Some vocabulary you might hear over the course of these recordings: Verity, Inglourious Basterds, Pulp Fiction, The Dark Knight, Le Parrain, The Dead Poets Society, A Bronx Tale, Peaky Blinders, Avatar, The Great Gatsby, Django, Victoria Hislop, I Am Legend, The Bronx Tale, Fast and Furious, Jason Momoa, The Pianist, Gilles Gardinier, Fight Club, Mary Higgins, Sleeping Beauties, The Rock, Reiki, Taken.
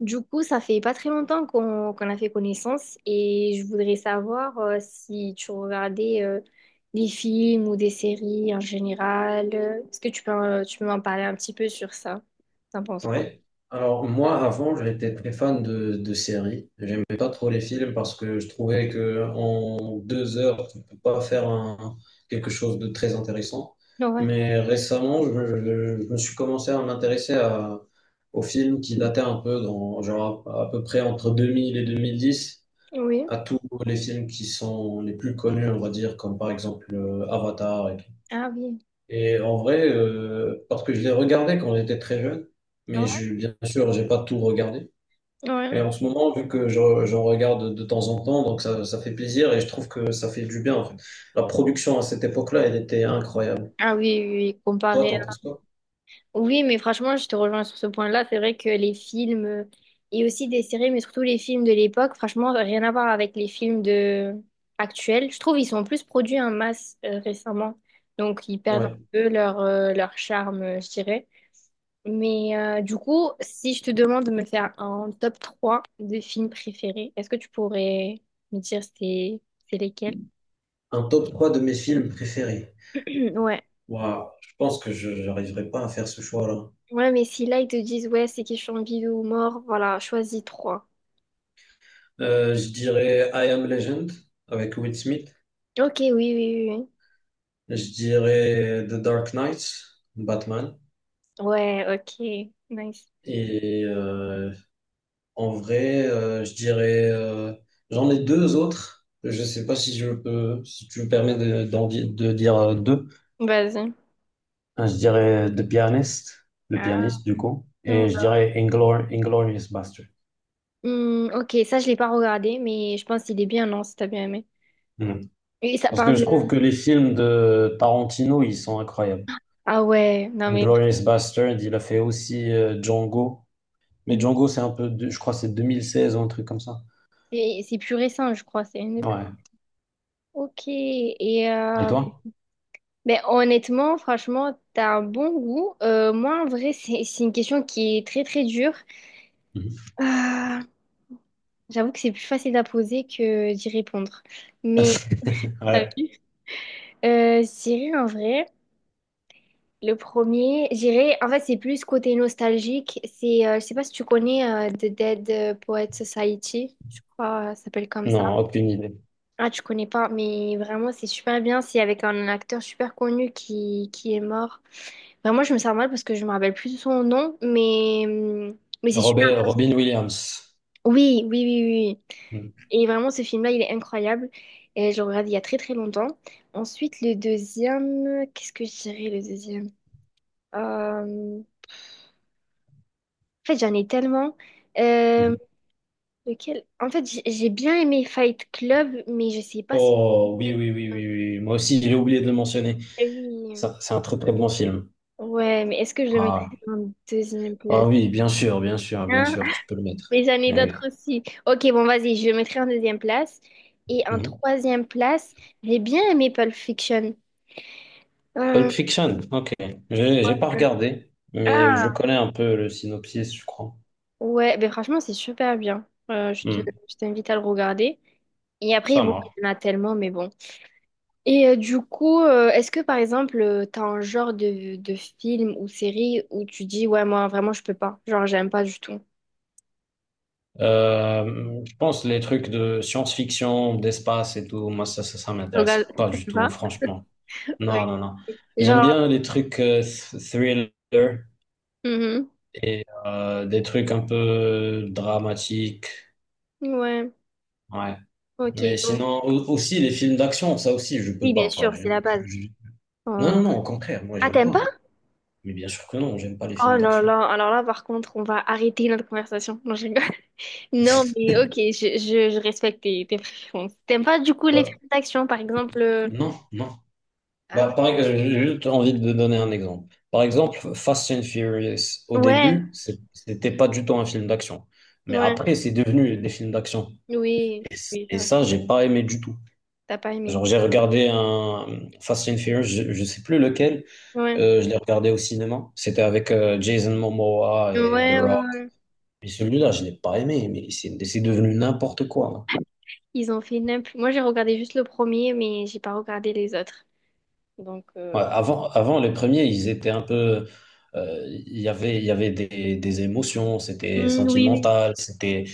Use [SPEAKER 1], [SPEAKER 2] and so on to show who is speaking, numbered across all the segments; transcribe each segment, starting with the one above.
[SPEAKER 1] Du coup, ça fait pas très longtemps qu'on a fait connaissance et je voudrais savoir si tu regardais des films ou des séries en général. Est-ce que tu peux m'en parler un petit peu sur ça? T'en penses quoi?
[SPEAKER 2] Ouais. Alors moi avant j'étais très fan de séries. J'aimais pas trop les films parce que je trouvais que en deux heures tu peux pas quelque chose de très intéressant.
[SPEAKER 1] Ouais.
[SPEAKER 2] Mais récemment je me suis commencé à aux films qui dataient un peu dans genre à peu près entre 2000 et 2010.
[SPEAKER 1] Oui.
[SPEAKER 2] À tous les films qui sont les plus connus on va dire comme par exemple Avatar.
[SPEAKER 1] Ah oui.
[SPEAKER 2] Et en vrai, parce que je les regardais quand j'étais très jeune, mais
[SPEAKER 1] Ouais.
[SPEAKER 2] je, bien sûr, j'ai pas tout regardé.
[SPEAKER 1] Ouais.
[SPEAKER 2] Et en ce moment, vu que j'en regarde de temps en temps, donc ça fait plaisir et je trouve que ça fait du bien, en fait. La production à cette époque-là, elle était incroyable.
[SPEAKER 1] Ah oui, oui, oui.
[SPEAKER 2] Toi,
[SPEAKER 1] Comparé.
[SPEAKER 2] t'en penses quoi?
[SPEAKER 1] Oui, mais franchement, je te rejoins sur ce point-là. C'est vrai que les films et aussi des séries, mais surtout les films de l'époque, franchement, rien à voir avec les films de actuels. Je trouve ils sont plus produits en masse récemment, donc ils perdent un
[SPEAKER 2] Ouais.
[SPEAKER 1] peu leur leur charme, je dirais. Mais du coup, si je te demande de me faire un top 3 de films préférés, est-ce que tu pourrais me dire c'est lesquels?
[SPEAKER 2] Un top 3 de mes films préférés.
[SPEAKER 1] Ouais.
[SPEAKER 2] Waouh, je pense que je n'arriverai pas à faire ce choix-là.
[SPEAKER 1] Ouais, mais si là ils te disent ouais, c'est question de vie ou mort, voilà, choisis trois.
[SPEAKER 2] Je dirais I Am Legend avec Will Smith.
[SPEAKER 1] Ok, oui, oui, oui, oui.
[SPEAKER 2] Je dirais The Dark Knight, Batman.
[SPEAKER 1] Ouais, ok, nice.
[SPEAKER 2] Et en vrai, je dirais, j'en ai deux autres. Je ne sais pas si je peux, si tu me permets de dire deux.
[SPEAKER 1] Vas-y.
[SPEAKER 2] Je dirais The Pianist, le
[SPEAKER 1] Ah.
[SPEAKER 2] pianiste du coup,
[SPEAKER 1] Non.
[SPEAKER 2] et je dirais Inglourious Basterds.
[SPEAKER 1] Hmm, ok, ça je l'ai pas regardé, mais je pense qu'il est bien, non, si t'as bien aimé.
[SPEAKER 2] Hmm.
[SPEAKER 1] Et ça
[SPEAKER 2] Parce que je
[SPEAKER 1] parle.
[SPEAKER 2] trouve que les films de Tarantino, ils sont incroyables.
[SPEAKER 1] Ah ouais, non mais
[SPEAKER 2] Inglourious Basterds, il a fait aussi Django. Mais Django, c'est un peu, je crois, que c'est 2016 ou un truc comme ça.
[SPEAKER 1] c'est plus récent, je crois, c'est une des plus.
[SPEAKER 2] Ouais.
[SPEAKER 1] Ok, et
[SPEAKER 2] Et
[SPEAKER 1] euh,
[SPEAKER 2] toi?
[SPEAKER 1] ben, honnêtement, franchement, t'as un bon goût. Moi, en vrai, c'est une question qui est très très dure.
[SPEAKER 2] Mhm.
[SPEAKER 1] Ah, j'avoue que c'est plus facile à poser que d'y répondre. Mais t'as
[SPEAKER 2] Ouais.
[SPEAKER 1] vu? Je dirais en vrai. Le premier, j'irai. En fait, c'est plus côté nostalgique. C'est, je sais pas si tu connais The Dead Poets Society. Je crois, ça s'appelle comme ça.
[SPEAKER 2] Non, aucune idée.
[SPEAKER 1] Ah, tu connais pas, mais vraiment, c'est super bien. C'est avec un acteur super connu qui est mort. Vraiment, je me sens mal parce que je me rappelle plus de son nom, mais c'est super.
[SPEAKER 2] Robert, Robin Williams.
[SPEAKER 1] Oui, oui, oui, oui, oui.
[SPEAKER 2] Mhm.
[SPEAKER 1] Et vraiment, ce film-là, il est incroyable. Et je le regarde il y a très, très longtemps. Ensuite, le deuxième. Qu'est-ce que je dirais, le deuxième? Euh, En fait, j'en ai tellement. Euh,
[SPEAKER 2] Mhm.
[SPEAKER 1] lequel... En fait, j'ai bien aimé Fight Club, mais je sais pas si.
[SPEAKER 2] Oh oui, oui, oui, oui, oui. Moi aussi, j'ai oublié de le mentionner.
[SPEAKER 1] Oui.
[SPEAKER 2] Ça, c'est un très très bon film.
[SPEAKER 1] Ouais, mais est-ce que je le mettrais
[SPEAKER 2] Ah.
[SPEAKER 1] en deuxième
[SPEAKER 2] Ah
[SPEAKER 1] place?
[SPEAKER 2] oui, bien sûr, bien sûr, bien
[SPEAKER 1] Hein?
[SPEAKER 2] sûr, tu peux le mettre.
[SPEAKER 1] Mais j'en ai
[SPEAKER 2] Mais
[SPEAKER 1] d'autres
[SPEAKER 2] oui.
[SPEAKER 1] aussi. Ok, bon, vas-y, je le mettrai en deuxième place. Et en
[SPEAKER 2] Mhm.
[SPEAKER 1] troisième place, j'ai bien aimé Pulp Fiction.
[SPEAKER 2] Pulp
[SPEAKER 1] Euh,
[SPEAKER 2] Fiction, ok. J'ai pas
[SPEAKER 1] euh,
[SPEAKER 2] regardé, mais
[SPEAKER 1] ah,
[SPEAKER 2] je connais un peu le synopsis, je crois.
[SPEAKER 1] ouais, ben franchement, c'est super bien.
[SPEAKER 2] Mhm.
[SPEAKER 1] Je t'invite à le regarder. Et après,
[SPEAKER 2] Ça
[SPEAKER 1] bon,
[SPEAKER 2] marche.
[SPEAKER 1] il y en a tellement, mais bon. Du coup, est-ce que par exemple, t'as un genre de film ou série où tu dis, ouais, moi vraiment, je peux pas. Genre, j'aime pas du tout.
[SPEAKER 2] Je pense les trucs de science-fiction, d'espace et tout, moi ça, ça, ça
[SPEAKER 1] Regarde
[SPEAKER 2] m'intéresse pas du
[SPEAKER 1] t'aimes
[SPEAKER 2] tout,
[SPEAKER 1] pas?
[SPEAKER 2] franchement.
[SPEAKER 1] Oui.
[SPEAKER 2] Non, non, non. J'aime
[SPEAKER 1] Genre,
[SPEAKER 2] bien les trucs thriller.
[SPEAKER 1] mhm.
[SPEAKER 2] Et des trucs un peu dramatiques.
[SPEAKER 1] Ouais,
[SPEAKER 2] Ouais. Mais
[SPEAKER 1] ok, donc.
[SPEAKER 2] sinon, aussi les films d'action, ça aussi, je
[SPEAKER 1] Oui,
[SPEAKER 2] peux
[SPEAKER 1] bien
[SPEAKER 2] pas.
[SPEAKER 1] sûr, c'est la base.
[SPEAKER 2] Non,
[SPEAKER 1] euh,
[SPEAKER 2] non, non, au contraire, moi,
[SPEAKER 1] Ah,
[SPEAKER 2] j'aime
[SPEAKER 1] t'aimes pas?
[SPEAKER 2] pas. Mais bien sûr que non, j'aime pas les
[SPEAKER 1] Oh
[SPEAKER 2] films
[SPEAKER 1] là
[SPEAKER 2] d'action.
[SPEAKER 1] là, alors là, par contre, on va arrêter notre conversation. Non, je rigole. Non, mais ok, je respecte tes, tes préférences. T'aimes pas du coup les
[SPEAKER 2] Euh,
[SPEAKER 1] films d'action, par exemple?
[SPEAKER 2] non, non.
[SPEAKER 1] Ah ouais.
[SPEAKER 2] Bah, par exemple, j'ai juste envie de donner un exemple. Par exemple, Fast and Furious, au
[SPEAKER 1] Ouais,
[SPEAKER 2] début, c'était pas du tout un film d'action. Mais
[SPEAKER 1] ouais,
[SPEAKER 2] après, c'est devenu des films d'action.
[SPEAKER 1] oui,
[SPEAKER 2] Et,
[SPEAKER 1] oui,
[SPEAKER 2] et
[SPEAKER 1] ça,
[SPEAKER 2] ça, j'ai pas aimé du tout.
[SPEAKER 1] t'as pas aimé.
[SPEAKER 2] Genre, j'ai regardé un Fast and Furious, je sais plus lequel.
[SPEAKER 1] Ouais.
[SPEAKER 2] Je l'ai regardé au cinéma. C'était avec Jason Momoa
[SPEAKER 1] Ouais,
[SPEAKER 2] et The
[SPEAKER 1] ouais,
[SPEAKER 2] Rock.
[SPEAKER 1] ouais.
[SPEAKER 2] Et celui-là, je l'ai pas aimé, mais c'est devenu n'importe quoi, hein.
[SPEAKER 1] Ils ont fait n'importe... Moi, j'ai regardé juste le premier, mais j'ai pas regardé les autres. Donc,
[SPEAKER 2] Ouais, avant, avant, les premiers, ils étaient un peu. Il y avait, il y avait des émotions, c'était
[SPEAKER 1] hmm, oui, oui.
[SPEAKER 2] sentimental, c'était.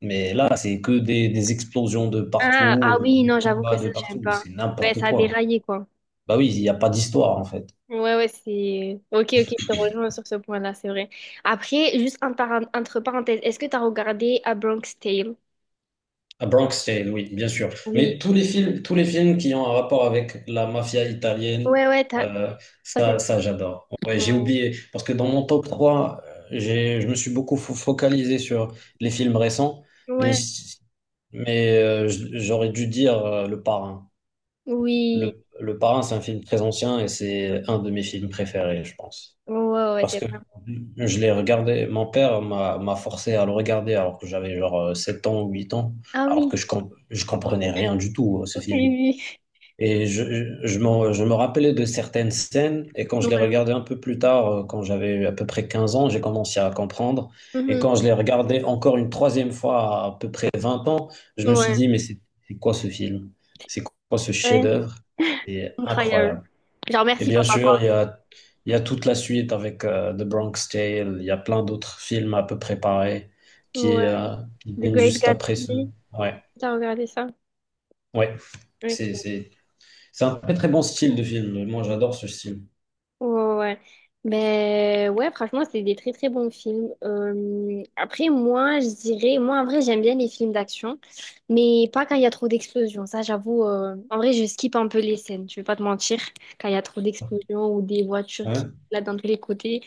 [SPEAKER 2] Mais là, c'est que des explosions de
[SPEAKER 1] Ah,
[SPEAKER 2] partout,
[SPEAKER 1] ah oui,
[SPEAKER 2] des
[SPEAKER 1] non, j'avoue que
[SPEAKER 2] combats
[SPEAKER 1] ça,
[SPEAKER 2] de
[SPEAKER 1] j'aime
[SPEAKER 2] partout,
[SPEAKER 1] pas.
[SPEAKER 2] c'est
[SPEAKER 1] Ouais,
[SPEAKER 2] n'importe
[SPEAKER 1] ça a
[SPEAKER 2] quoi.
[SPEAKER 1] déraillé, quoi.
[SPEAKER 2] Bah oui, il n'y a pas d'histoire, en fait.
[SPEAKER 1] Ouais, ouais, c'est... Ok, ok, je te rejoins sur ce point-là, c'est vrai. Après, juste en par- entre parenthèses, est-ce que t'as regardé A Bronx Tale?
[SPEAKER 2] À Bronx Tale, oui, bien sûr.
[SPEAKER 1] Oui.
[SPEAKER 2] Mais tous les films qui ont un rapport avec la mafia italienne,
[SPEAKER 1] Ouais, ouais, t'as...
[SPEAKER 2] euh,
[SPEAKER 1] ça, c'est-
[SPEAKER 2] ça, ça j'adore. Ouais, j'ai
[SPEAKER 1] Ouais.
[SPEAKER 2] oublié, parce que dans mon top 3, j'ai, je me suis beaucoup focalisé sur les films récents, mais,
[SPEAKER 1] Ouais.
[SPEAKER 2] mais j'aurais dû dire Le Parrain.
[SPEAKER 1] Oui.
[SPEAKER 2] Le Parrain, c'est un film très ancien et c'est un de mes films préférés, je pense.
[SPEAKER 1] Ouais, ouais, ouais,
[SPEAKER 2] Parce
[SPEAKER 1] c'est
[SPEAKER 2] que
[SPEAKER 1] vrai.
[SPEAKER 2] je l'ai regardé, mon père m'a forcé à le regarder alors que j'avais genre 7 ans ou 8 ans,
[SPEAKER 1] Ah
[SPEAKER 2] alors que je,
[SPEAKER 1] oui,
[SPEAKER 2] je comprenais rien du tout à ce
[SPEAKER 1] ok,
[SPEAKER 2] film.
[SPEAKER 1] oui.
[SPEAKER 2] Et je je me rappelais de certaines scènes, et quand je l'ai
[SPEAKER 1] Ouais.
[SPEAKER 2] regardé un peu plus tard, quand j'avais à peu près 15 ans, j'ai commencé à comprendre. Et
[SPEAKER 1] Mhm.
[SPEAKER 2] quand je l'ai regardé encore une troisième fois à peu près 20 ans, je me suis
[SPEAKER 1] Ouais.
[SPEAKER 2] dit, mais c'est quoi ce film? C'est quoi ce
[SPEAKER 1] Ouais.
[SPEAKER 2] chef-d'œuvre? C'est
[SPEAKER 1] Incroyable.
[SPEAKER 2] incroyable.
[SPEAKER 1] Genre,
[SPEAKER 2] Et
[SPEAKER 1] merci,
[SPEAKER 2] bien
[SPEAKER 1] papa,
[SPEAKER 2] sûr,
[SPEAKER 1] quoi.
[SPEAKER 2] il y a toute la suite avec The Bronx Tale. Il y a plein d'autres films à peu près pareils qui,
[SPEAKER 1] Ouais.
[SPEAKER 2] euh, qui
[SPEAKER 1] The
[SPEAKER 2] viennent
[SPEAKER 1] Great
[SPEAKER 2] juste après ce.
[SPEAKER 1] Gatsby,
[SPEAKER 2] Ouais,
[SPEAKER 1] t'as regardé ça?
[SPEAKER 2] ouais. C'est,
[SPEAKER 1] Ok.
[SPEAKER 2] c'est, c'est un très très bon style de film. Moi, j'adore ce style.
[SPEAKER 1] Ouais, ouais, ouais. Ben ouais, franchement, c'est des très très bons films. Après, moi, je dirais, moi en vrai, j'aime bien les films d'action, mais pas quand il y a trop d'explosions. Ça, j'avoue, en vrai, je skip un peu les scènes, je vais pas te mentir, quand il y a trop d'explosions ou des voitures qui
[SPEAKER 2] Hein.
[SPEAKER 1] là dans tous les côtés.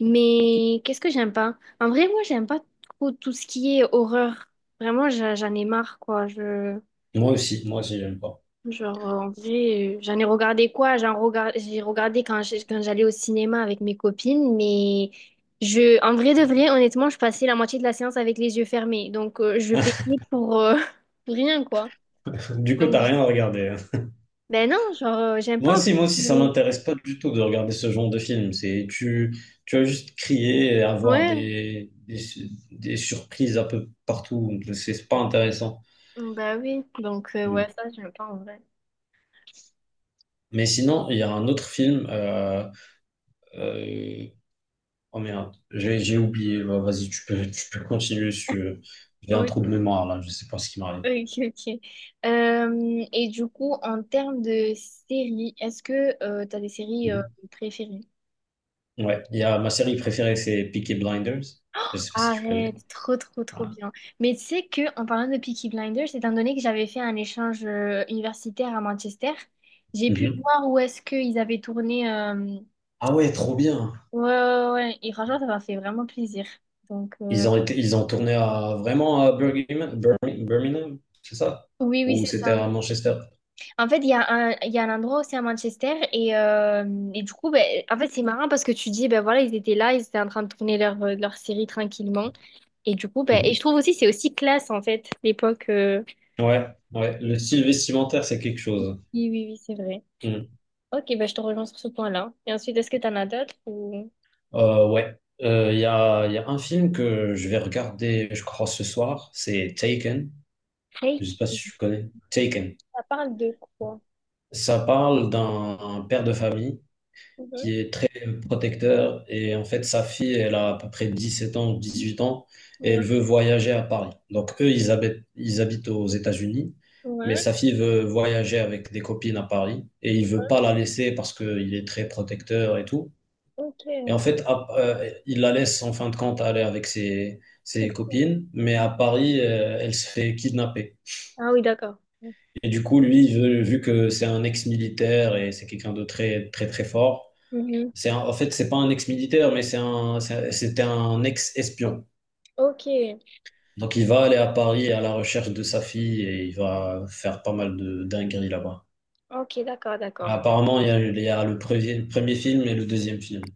[SPEAKER 1] Mais qu'est-ce que j'aime pas? En vrai, moi, j'aime pas trop tout ce qui est horreur. Vraiment, j'en ai marre, quoi. Je...
[SPEAKER 2] Moi aussi, j'aime pas.
[SPEAKER 1] Genre, en vrai, j'en ai regardé quoi? J'ai regardé quand j'allais au cinéma avec mes copines, mais je... en vrai de vrai, honnêtement, je passais la moitié de la séance avec les yeux fermés. Donc, je payais pour, pour rien, quoi.
[SPEAKER 2] Du coup,
[SPEAKER 1] Donc,
[SPEAKER 2] t'as
[SPEAKER 1] j-
[SPEAKER 2] rien à regarder, hein.
[SPEAKER 1] ben non, genre, j'aime pas en plus.
[SPEAKER 2] Moi aussi, ça m'intéresse pas du tout de regarder ce genre de film. C'est tu, tu vas juste crier et avoir
[SPEAKER 1] Ouais,
[SPEAKER 2] des surprises un peu partout. C'est pas intéressant.
[SPEAKER 1] bah oui. Donc, ouais,
[SPEAKER 2] Hmm.
[SPEAKER 1] ça, j'aime pas en vrai.
[SPEAKER 2] Mais sinon, il y a un autre film. Euh, oh merde, j'ai oublié. Bah, vas-y, tu peux continuer si tu veux. J'ai un
[SPEAKER 1] Ok,
[SPEAKER 2] trou de mémoire là, je sais pas ce qui m'arrive.
[SPEAKER 1] ok, ok. Et du coup, en termes de séries, est-ce que tu as des séries
[SPEAKER 2] Mhm.
[SPEAKER 1] préférées?
[SPEAKER 2] Ouais, il y a ma série préférée, c'est Peaky Blinders. Je sais pas si tu connais.
[SPEAKER 1] Arrête, trop trop trop
[SPEAKER 2] Ah.
[SPEAKER 1] bien. Mais tu sais que en parlant de Peaky Blinders, étant donné que j'avais fait un échange universitaire à Manchester, j'ai pu
[SPEAKER 2] Mhm.
[SPEAKER 1] voir où est-ce qu'ils avaient tourné.
[SPEAKER 2] Ah ouais, trop bien.
[SPEAKER 1] Ouais, ouais, ouais, ouais. Et franchement, ça m'a fait vraiment plaisir. Donc
[SPEAKER 2] Ils ont tourné à vraiment à Birmingham, Birmingham, c'est ça?
[SPEAKER 1] oui, oui,
[SPEAKER 2] Ou
[SPEAKER 1] c'est
[SPEAKER 2] c'était
[SPEAKER 1] ça.
[SPEAKER 2] à Manchester?
[SPEAKER 1] En fait, il y a un, il y a un endroit aussi à Manchester et du coup, ben, en fait, c'est marrant parce que tu dis, ben voilà, ils étaient là, ils étaient en train de tourner leur, leur série tranquillement. Et du coup, ben,
[SPEAKER 2] Mhm.
[SPEAKER 1] et je trouve aussi, c'est aussi classe en fait, l'époque.
[SPEAKER 2] Ouais, ouais. Le style vestimentaire, c'est quelque chose.
[SPEAKER 1] Oui, oui, oui, c'est vrai.
[SPEAKER 2] Mhm.
[SPEAKER 1] Ok, ben je te rejoins sur ce point-là. Et ensuite, est-ce que t'en as d'autres ou...
[SPEAKER 2] Ouais, il y a, il y a un film que je vais regarder, je crois, ce soir, c'est Taken. Je sais
[SPEAKER 1] Reiki,
[SPEAKER 2] pas si tu connais. Taken.
[SPEAKER 1] ça parle de quoi?
[SPEAKER 2] Ça parle d'un un père de famille qui
[SPEAKER 1] Mhm.
[SPEAKER 2] est très protecteur et en fait, sa fille, elle a à peu près 17 ans, 18 ans et
[SPEAKER 1] Ouais,
[SPEAKER 2] elle veut voyager à Paris. Donc, eux, ils habitent aux États-Unis, mais
[SPEAKER 1] ouais,
[SPEAKER 2] sa fille veut voyager avec des copines à Paris et il veut
[SPEAKER 1] ouais.
[SPEAKER 2] pas la laisser parce qu'il est très protecteur et tout. Et en
[SPEAKER 1] Ok.
[SPEAKER 2] fait, il la laisse en fin de compte aller avec ses
[SPEAKER 1] C'est-
[SPEAKER 2] copines, mais à Paris, elle se fait kidnapper.
[SPEAKER 1] Ah oui, d'accord.
[SPEAKER 2] Et du coup, lui, vu que c'est un ex-militaire et c'est quelqu'un de très, très, très fort,
[SPEAKER 1] Mhm.
[SPEAKER 2] en fait, c'est pas un ex-militaire, mais c'était un ex-espion.
[SPEAKER 1] Ok,
[SPEAKER 2] Donc, il va aller à Paris à la recherche de sa fille et il va faire pas mal de dingueries là-bas.
[SPEAKER 1] ok, d'accord, d'accord.
[SPEAKER 2] Apparemment, il y a le premier, premier film et le deuxième film.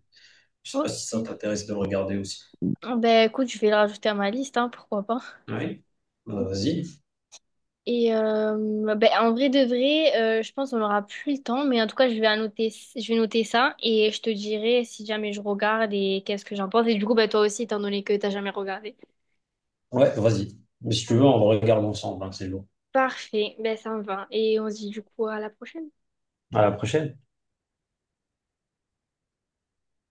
[SPEAKER 2] Je sais pas
[SPEAKER 1] Ok.
[SPEAKER 2] si ça t'intéresse de le regarder aussi.
[SPEAKER 1] Ben écoute, je vais le rajouter à ma liste, hein, pourquoi pas.
[SPEAKER 2] Oui. Bah, vas-y.
[SPEAKER 1] Ben, en vrai de vrai, je pense qu'on n'aura plus le temps, mais en tout cas, je vais annoter, je vais noter ça et je te dirai si jamais je regarde et qu'est-ce que j'en pense. Et du coup, ben, toi aussi, étant donné que t'as jamais regardé.
[SPEAKER 2] Ouais, vas-y. Mais si tu veux, on regarde ensemble, hein, c'est lourd.
[SPEAKER 1] Parfait, ben ça me va. Et on se dit du coup à la prochaine.
[SPEAKER 2] À la prochaine.